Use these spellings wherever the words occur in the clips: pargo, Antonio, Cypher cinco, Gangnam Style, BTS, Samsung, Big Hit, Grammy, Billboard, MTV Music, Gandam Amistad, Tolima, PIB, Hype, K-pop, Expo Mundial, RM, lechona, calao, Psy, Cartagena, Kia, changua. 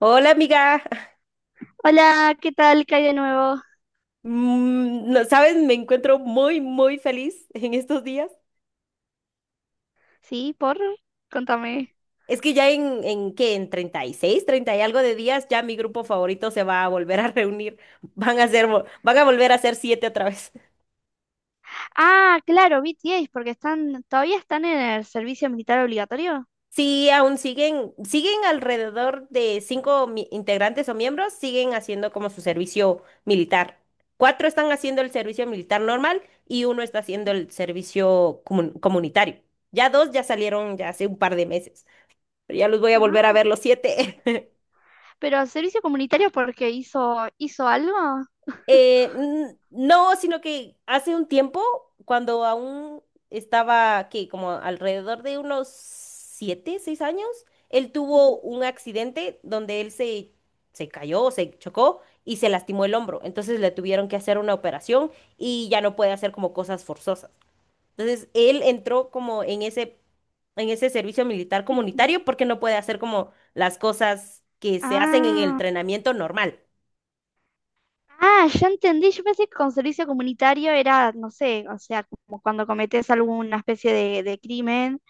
Hola amiga. Hola, ¿qué tal? ¿Qué hay de nuevo? No sabes, me encuentro muy, muy feliz en estos días. Sí, por, contame. Es que ya en ¿qué? En 30 y algo de días, ya mi grupo favorito se va a volver a reunir. Van a volver a ser siete otra vez. Ah, claro, BTS, porque están, todavía están en el servicio militar obligatorio. Sí, aún siguen alrededor de integrantes o miembros, siguen haciendo como su servicio militar. Cuatro están haciendo el servicio militar normal y uno está haciendo el servicio comunitario. Ya dos ya salieron ya hace un par de meses, pero ya los voy a Ajá. volver a ver los siete. Pero el servicio comunitario porque hizo algo. No, sino que hace un tiempo, cuando aún estaba, ¿qué? Como alrededor de unos 7, 6 años, él tuvo Mm, un accidente donde él se cayó, se chocó y se lastimó el hombro. Entonces le tuvieron que hacer una operación y ya no puede hacer como cosas forzosas. Entonces él entró como en ese servicio militar ujú. comunitario porque no puede hacer como las cosas que se hacen en el Ah, entrenamiento normal. ah, ya entendí. Yo pensé que con servicio comunitario era, no sé, o sea, como cuando cometes alguna especie de crimen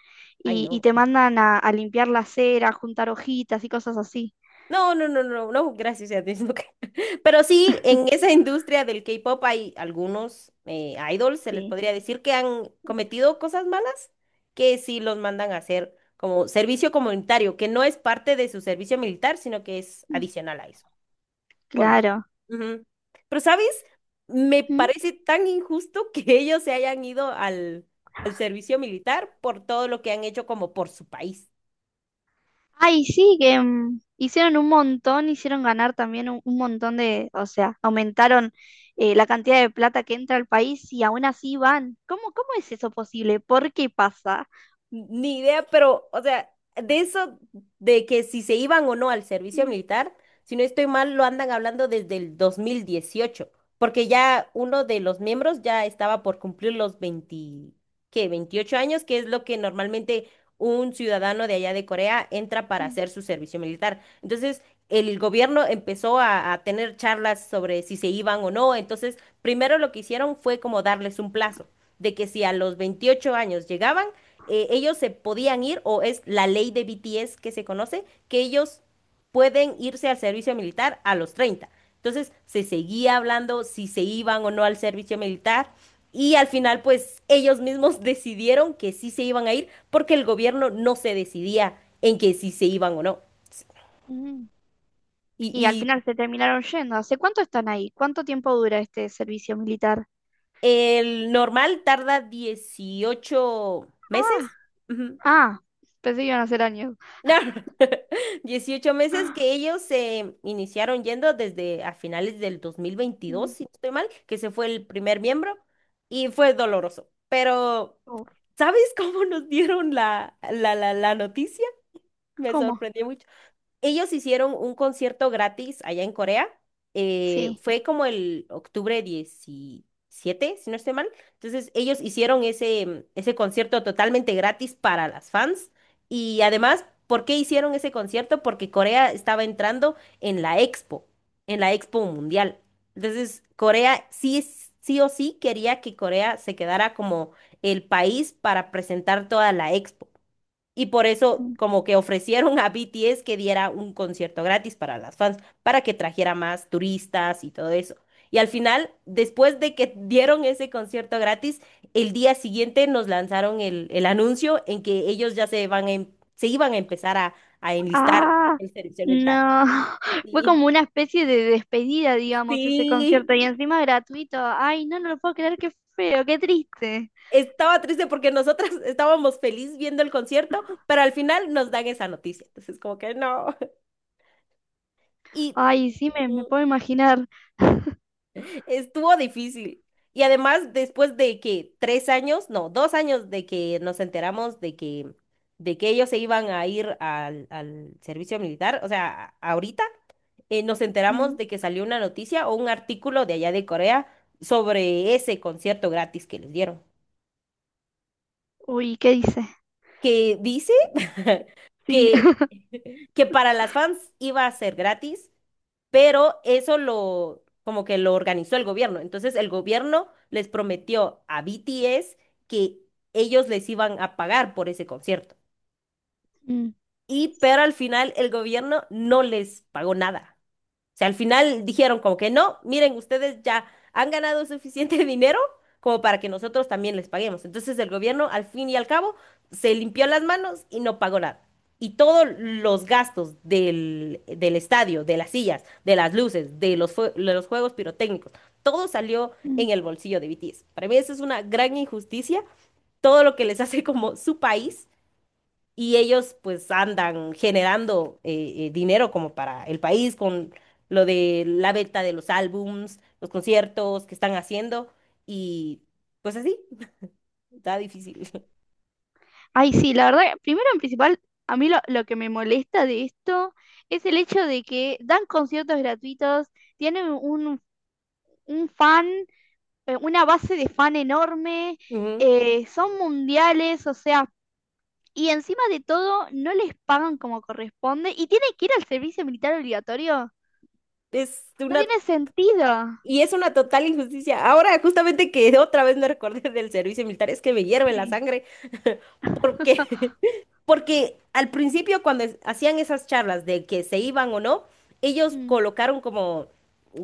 Ay, y no. te mandan a limpiar la acera, a juntar hojitas y cosas así. No, no, no, no, no, gracias a Dios, no creo. Pero sí, en esa industria del K-pop hay algunos idols, se les Sí. podría decir, que han cometido cosas malas, que sí los mandan a hacer como servicio comunitario, que no es parte de su servicio militar, sino que es Mm, adicional a eso. Por las- claro. Ujú. Pero, ¿sabes? Me parece tan injusto que ellos se hayan ido al servicio militar por todo lo que han hecho como por su país. Ay, sí, que hicieron un montón, hicieron ganar también un montón de, o sea, aumentaron la cantidad de plata que entra al país y aún así van. ¿Cómo, cómo es eso posible? ¿Por qué pasa? Ni idea, pero, o sea, de eso, de que si se iban o no al servicio Mm, militar, si no estoy mal, lo andan hablando desde el 2018 porque ya uno de los miembros ya estaba por cumplir los 20 ¿qué? 28 años, que es lo que normalmente un ciudadano de allá de Corea entra para mm, hacer su servicio militar. Entonces, el gobierno empezó a tener charlas sobre si se iban o no. Entonces, primero lo que hicieron fue como darles un plazo de que si a los 28 años llegaban, ellos se podían ir, o es la ley de BTS que se conoce, que ellos pueden irse al servicio militar a los 30. Entonces se seguía hablando si se iban o no al servicio militar y al final pues ellos mismos decidieron que sí se iban a ir porque el gobierno no se decidía en que si se iban o no. mm. Y, Y al y final se terminaron yendo. ¿Hace cuánto están ahí? ¿Cuánto tiempo dura este servicio militar? el normal tarda 18 meses. Ah, Ujú. ah, pensé que iban a ser años. No, 18 meses que Ah, ellos se iniciaron yendo desde a finales del 2022 mm, si no estoy mal, que se fue el primer miembro y fue doloroso. Pero, oh, ¿sabes cómo nos dieron la noticia? Me ¿cómo? sorprendió mucho. Ellos hicieron un concierto gratis allá en Corea. Sí. Fue como el octubre 17, si no estoy mal. Entonces, ellos hicieron ese concierto totalmente gratis para las fans. Y además, ¿por qué hicieron ese concierto? Porque Corea estaba entrando en la Expo Mundial. Entonces, Corea sí, sí o sí quería que Corea se quedara como el país para presentar toda la Expo. Y por eso como que ofrecieron a BTS que diera un concierto gratis para las fans, para que trajera más turistas y todo eso. Y al final, después de que dieron ese concierto gratis, el día siguiente nos lanzaron el anuncio en que ellos ya se iban a empezar a enlistar Ah, en servicio mental. no. Fue Sí, como una especie de despedida, digamos, ese concierto. Y sí. encima gratuito. Ay, no, no lo puedo creer, qué feo, qué triste. Estaba triste porque nosotras estábamos feliz viendo el concierto, pero al final nos dan esa noticia. Entonces, como que no. Y Ay, sí, me ujú. puedo imaginar. Estuvo difícil. Y además, después de que tres años, no, dos años de que nos enteramos de que ellos se iban a ir al servicio militar, o sea, ahorita nos Mm, enteramos de que salió una noticia o un artículo de allá de Corea sobre ese concierto gratis que les dieron, uy, ¿qué dice? que dice Sí. que que para las fans iba a ser gratis, pero eso lo, como que lo organizó el gobierno. Entonces el gobierno les prometió a BTS que ellos les iban a pagar por ese concierto. Mm, Y pero al final el gobierno no les pagó nada, sea, al final dijeron como que no, miren, ustedes ya han ganado suficiente dinero como para que nosotros también les paguemos. Entonces el gobierno, al fin y al cabo, se limpió las manos y no pagó nada. Y todos los gastos del estadio, de las sillas, de las luces, de los juegos pirotécnicos, todo salió mm. en el bolsillo de BTS. Para mí eso es una gran injusticia, todo lo que les hace como su país y ellos pues andan generando dinero como para el país con lo de la venta de los álbums, los conciertos que están haciendo y pues así, está difícil. Ay, sí, la verdad, primero en principal, a mí lo que me molesta de esto es el hecho de que dan conciertos gratuitos, tienen un fan, una base de fan enorme, Ujú. Son mundiales, o sea. Y encima de todo, no les pagan como corresponde y tienen que ir al servicio militar obligatorio. Es No una, tiene sentido. Es una total injusticia. Ahora justamente que otra vez me recordé del servicio militar, es que me hierve la Sí. sangre porque. Porque al principio, cuando hacían esas charlas de que se iban o no, ellos Mm, colocaron como,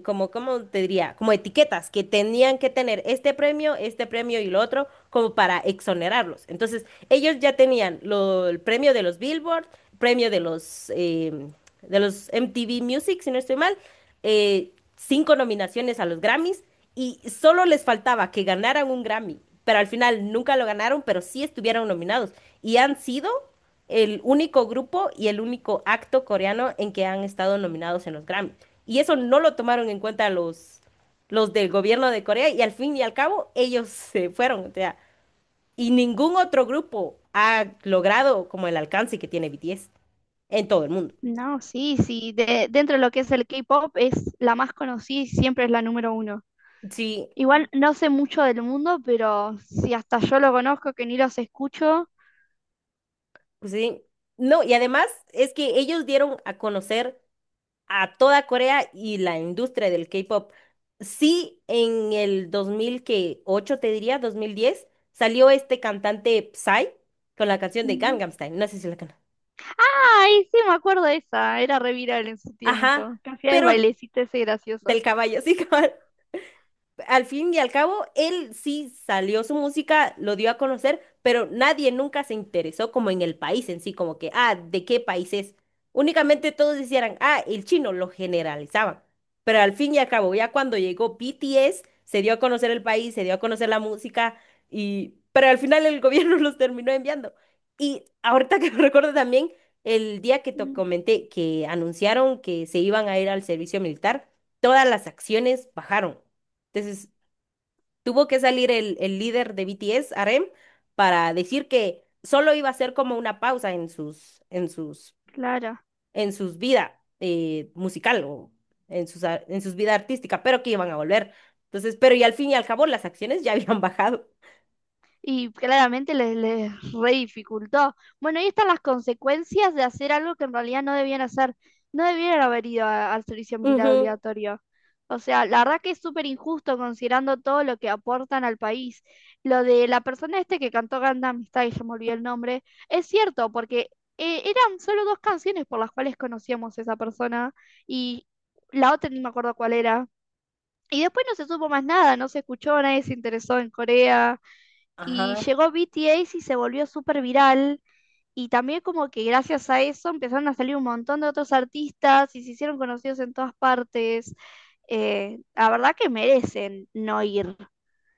como, ¿cómo te diría? Como etiquetas que tenían que tener este premio y lo otro, como para exonerarlos. Entonces, ellos ya tenían el premio de los Billboard, premio de los MTV Music, si no estoy mal, cinco nominaciones a los Grammys y solo les faltaba que ganaran un Grammy. Pero al final nunca lo ganaron, pero sí estuvieron nominados y han sido el único grupo y el único acto coreano en que han estado nominados en los Grammy. Y eso no lo tomaron en cuenta los del gobierno de Corea y al fin y al cabo ellos se fueron. O sea, y ningún otro grupo ha logrado como el alcance que tiene BTS en todo el mundo. no, sí, sí. de- dentro de lo que es el K-pop, es la más conocida y siempre es la número uno. Sí, Igual no sé mucho del mundo, pero si hasta yo lo conozco, que ni los escucho. sí. No, y además es que ellos dieron a conocer a toda Corea y la industria del K-pop. Sí, en el 2008 te diría, 2010 salió este cantante Psy con la canción de Ujú. Gangnam Style. No sé si la conoces. Ay, sí, me acuerdo de esa. Era re viral en su Ajá, tiempo. Que hacía el pero bailecito ese gracioso. del caballo, sí, cabal. Al fin y al cabo, él sí salió su música, lo dio a conocer, pero nadie nunca se interesó como en el país en sí, como que, ah, ¿de qué país es? Únicamente todos decían, ah, el chino, lo generalizaban. Pero al fin y al cabo, ya cuando llegó BTS, se dio a conocer el país, se dio a conocer la música, y pero al final el gobierno los terminó enviando. Y ahorita que me recuerdo también, el día que te Ujú. comenté que anunciaron que se iban a ir al servicio militar, todas las acciones bajaron. Entonces tuvo que salir el líder de BTS, RM, para decir que solo iba a ser como una pausa en sus, en sus, Claro. en sus vida musical o en sus vida artística, pero que iban a volver. Entonces, pero y al fin y al cabo las acciones ya habían bajado. Y claramente les, les re dificultó. Bueno, ahí están las consecuencias de hacer algo que en realidad no debían hacer. No debieron haber ido a- al servicio militar Ujú, obligatorio. O sea, la verdad que es súper injusto considerando todo lo que aportan al país. Lo de la persona este que cantó Gandam Amistad" y ya me olvidé el nombre, es cierto, porque eran solo dos canciones por las cuales conocíamos a esa persona y la otra ni me acuerdo cuál era. Y después no se supo más nada, no se escuchó, nadie se interesó en Corea. Y Ajá. llegó BTS y se volvió súper viral. Y también como que gracias a eso empezaron a salir un montón de otros artistas y se hicieron conocidos en todas partes. La verdad que merecen no ir.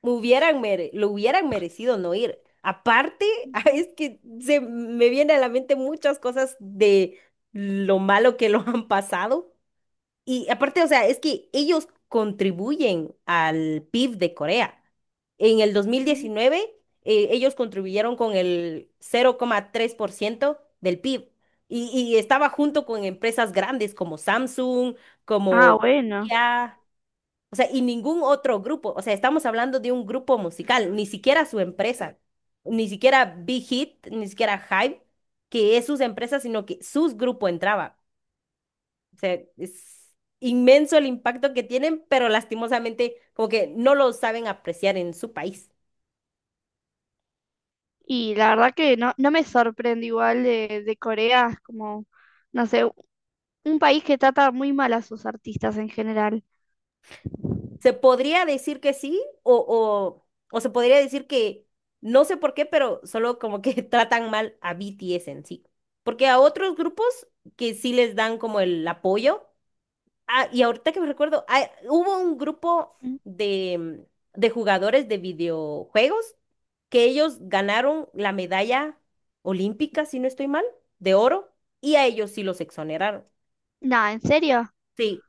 Lo hubieran merecido no ir. Aparte, Ujú, es que se me vienen a la mente muchas cosas de lo malo que lo han pasado. Y aparte, o sea, es que ellos contribuyen al PIB de Corea. En el ujú, 2019, ellos contribuyeron con el 0,3% del PIB y estaba ujú. junto con empresas grandes como Samsung, Ah, como bueno. Kia, o sea, y ningún otro grupo. O sea, estamos hablando de un grupo musical, ni siquiera su empresa, ni siquiera Big Hit, ni siquiera Hype, que es sus empresas, sino que sus grupo entraba. O sea, es inmenso el impacto que tienen, pero lastimosamente como que no lo saben apreciar en su país. Y la verdad que no, no me sorprende igual de Corea, es como, no sé, un país que trata muy mal a sus artistas en general. Se podría decir que sí o se podría decir que no sé por qué, pero solo como que tratan mal a BTS en sí. Porque a otros grupos que sí les dan como el apoyo, ah, y ahorita que me recuerdo, ah, hubo un grupo Mm, de, de jugadores de videojuegos que ellos ganaron la medalla olímpica, si no estoy mal, de oro, y a ellos sí los exoneraron. nada, ¿en serio? Sí,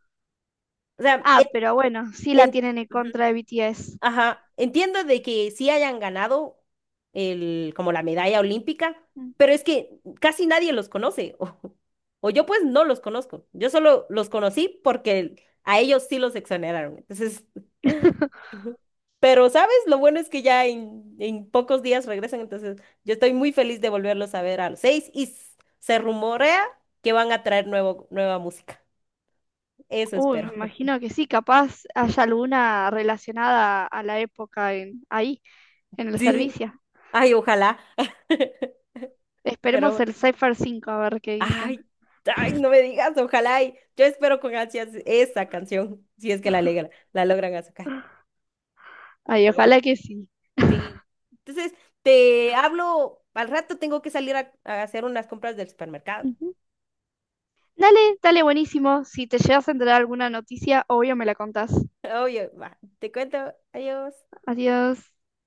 o sea, en, Ah, pero bueno, sí la en- tienen en ujú. contra de BTS. Ajá, entiendo de que sí hayan ganado el, como la medalla olímpica, pero es que casi nadie los conoce, o yo pues no los conozco, yo solo los conocí porque a ellos sí los exoneraron, entonces, ujú. Pero sabes, lo bueno es que ya en pocos días regresan, entonces yo estoy muy feliz de volverlos a ver a los seis y se rumorea que van a traer nueva música, eso Uy, me espero, imagino que sí, capaz haya alguna relacionada a la época en, ahí, en el sí, servicio. ay, ojalá, Esperemos pero. el Cypher cinco a ver qué dicen. Ay, ay, no me digas, ojalá y yo espero con ansias esa canción, si es que la alegra, la logran sacar. Ay, Pero bueno, ojalá que sí. sí. Entonces, te hablo, al rato tengo que salir a hacer unas compras del supermercado. Ujú. Dale, dale, buenísimo. Si te llegas a enterar alguna noticia, obvio me la contás. Oye, va, te cuento, adiós. Adiós.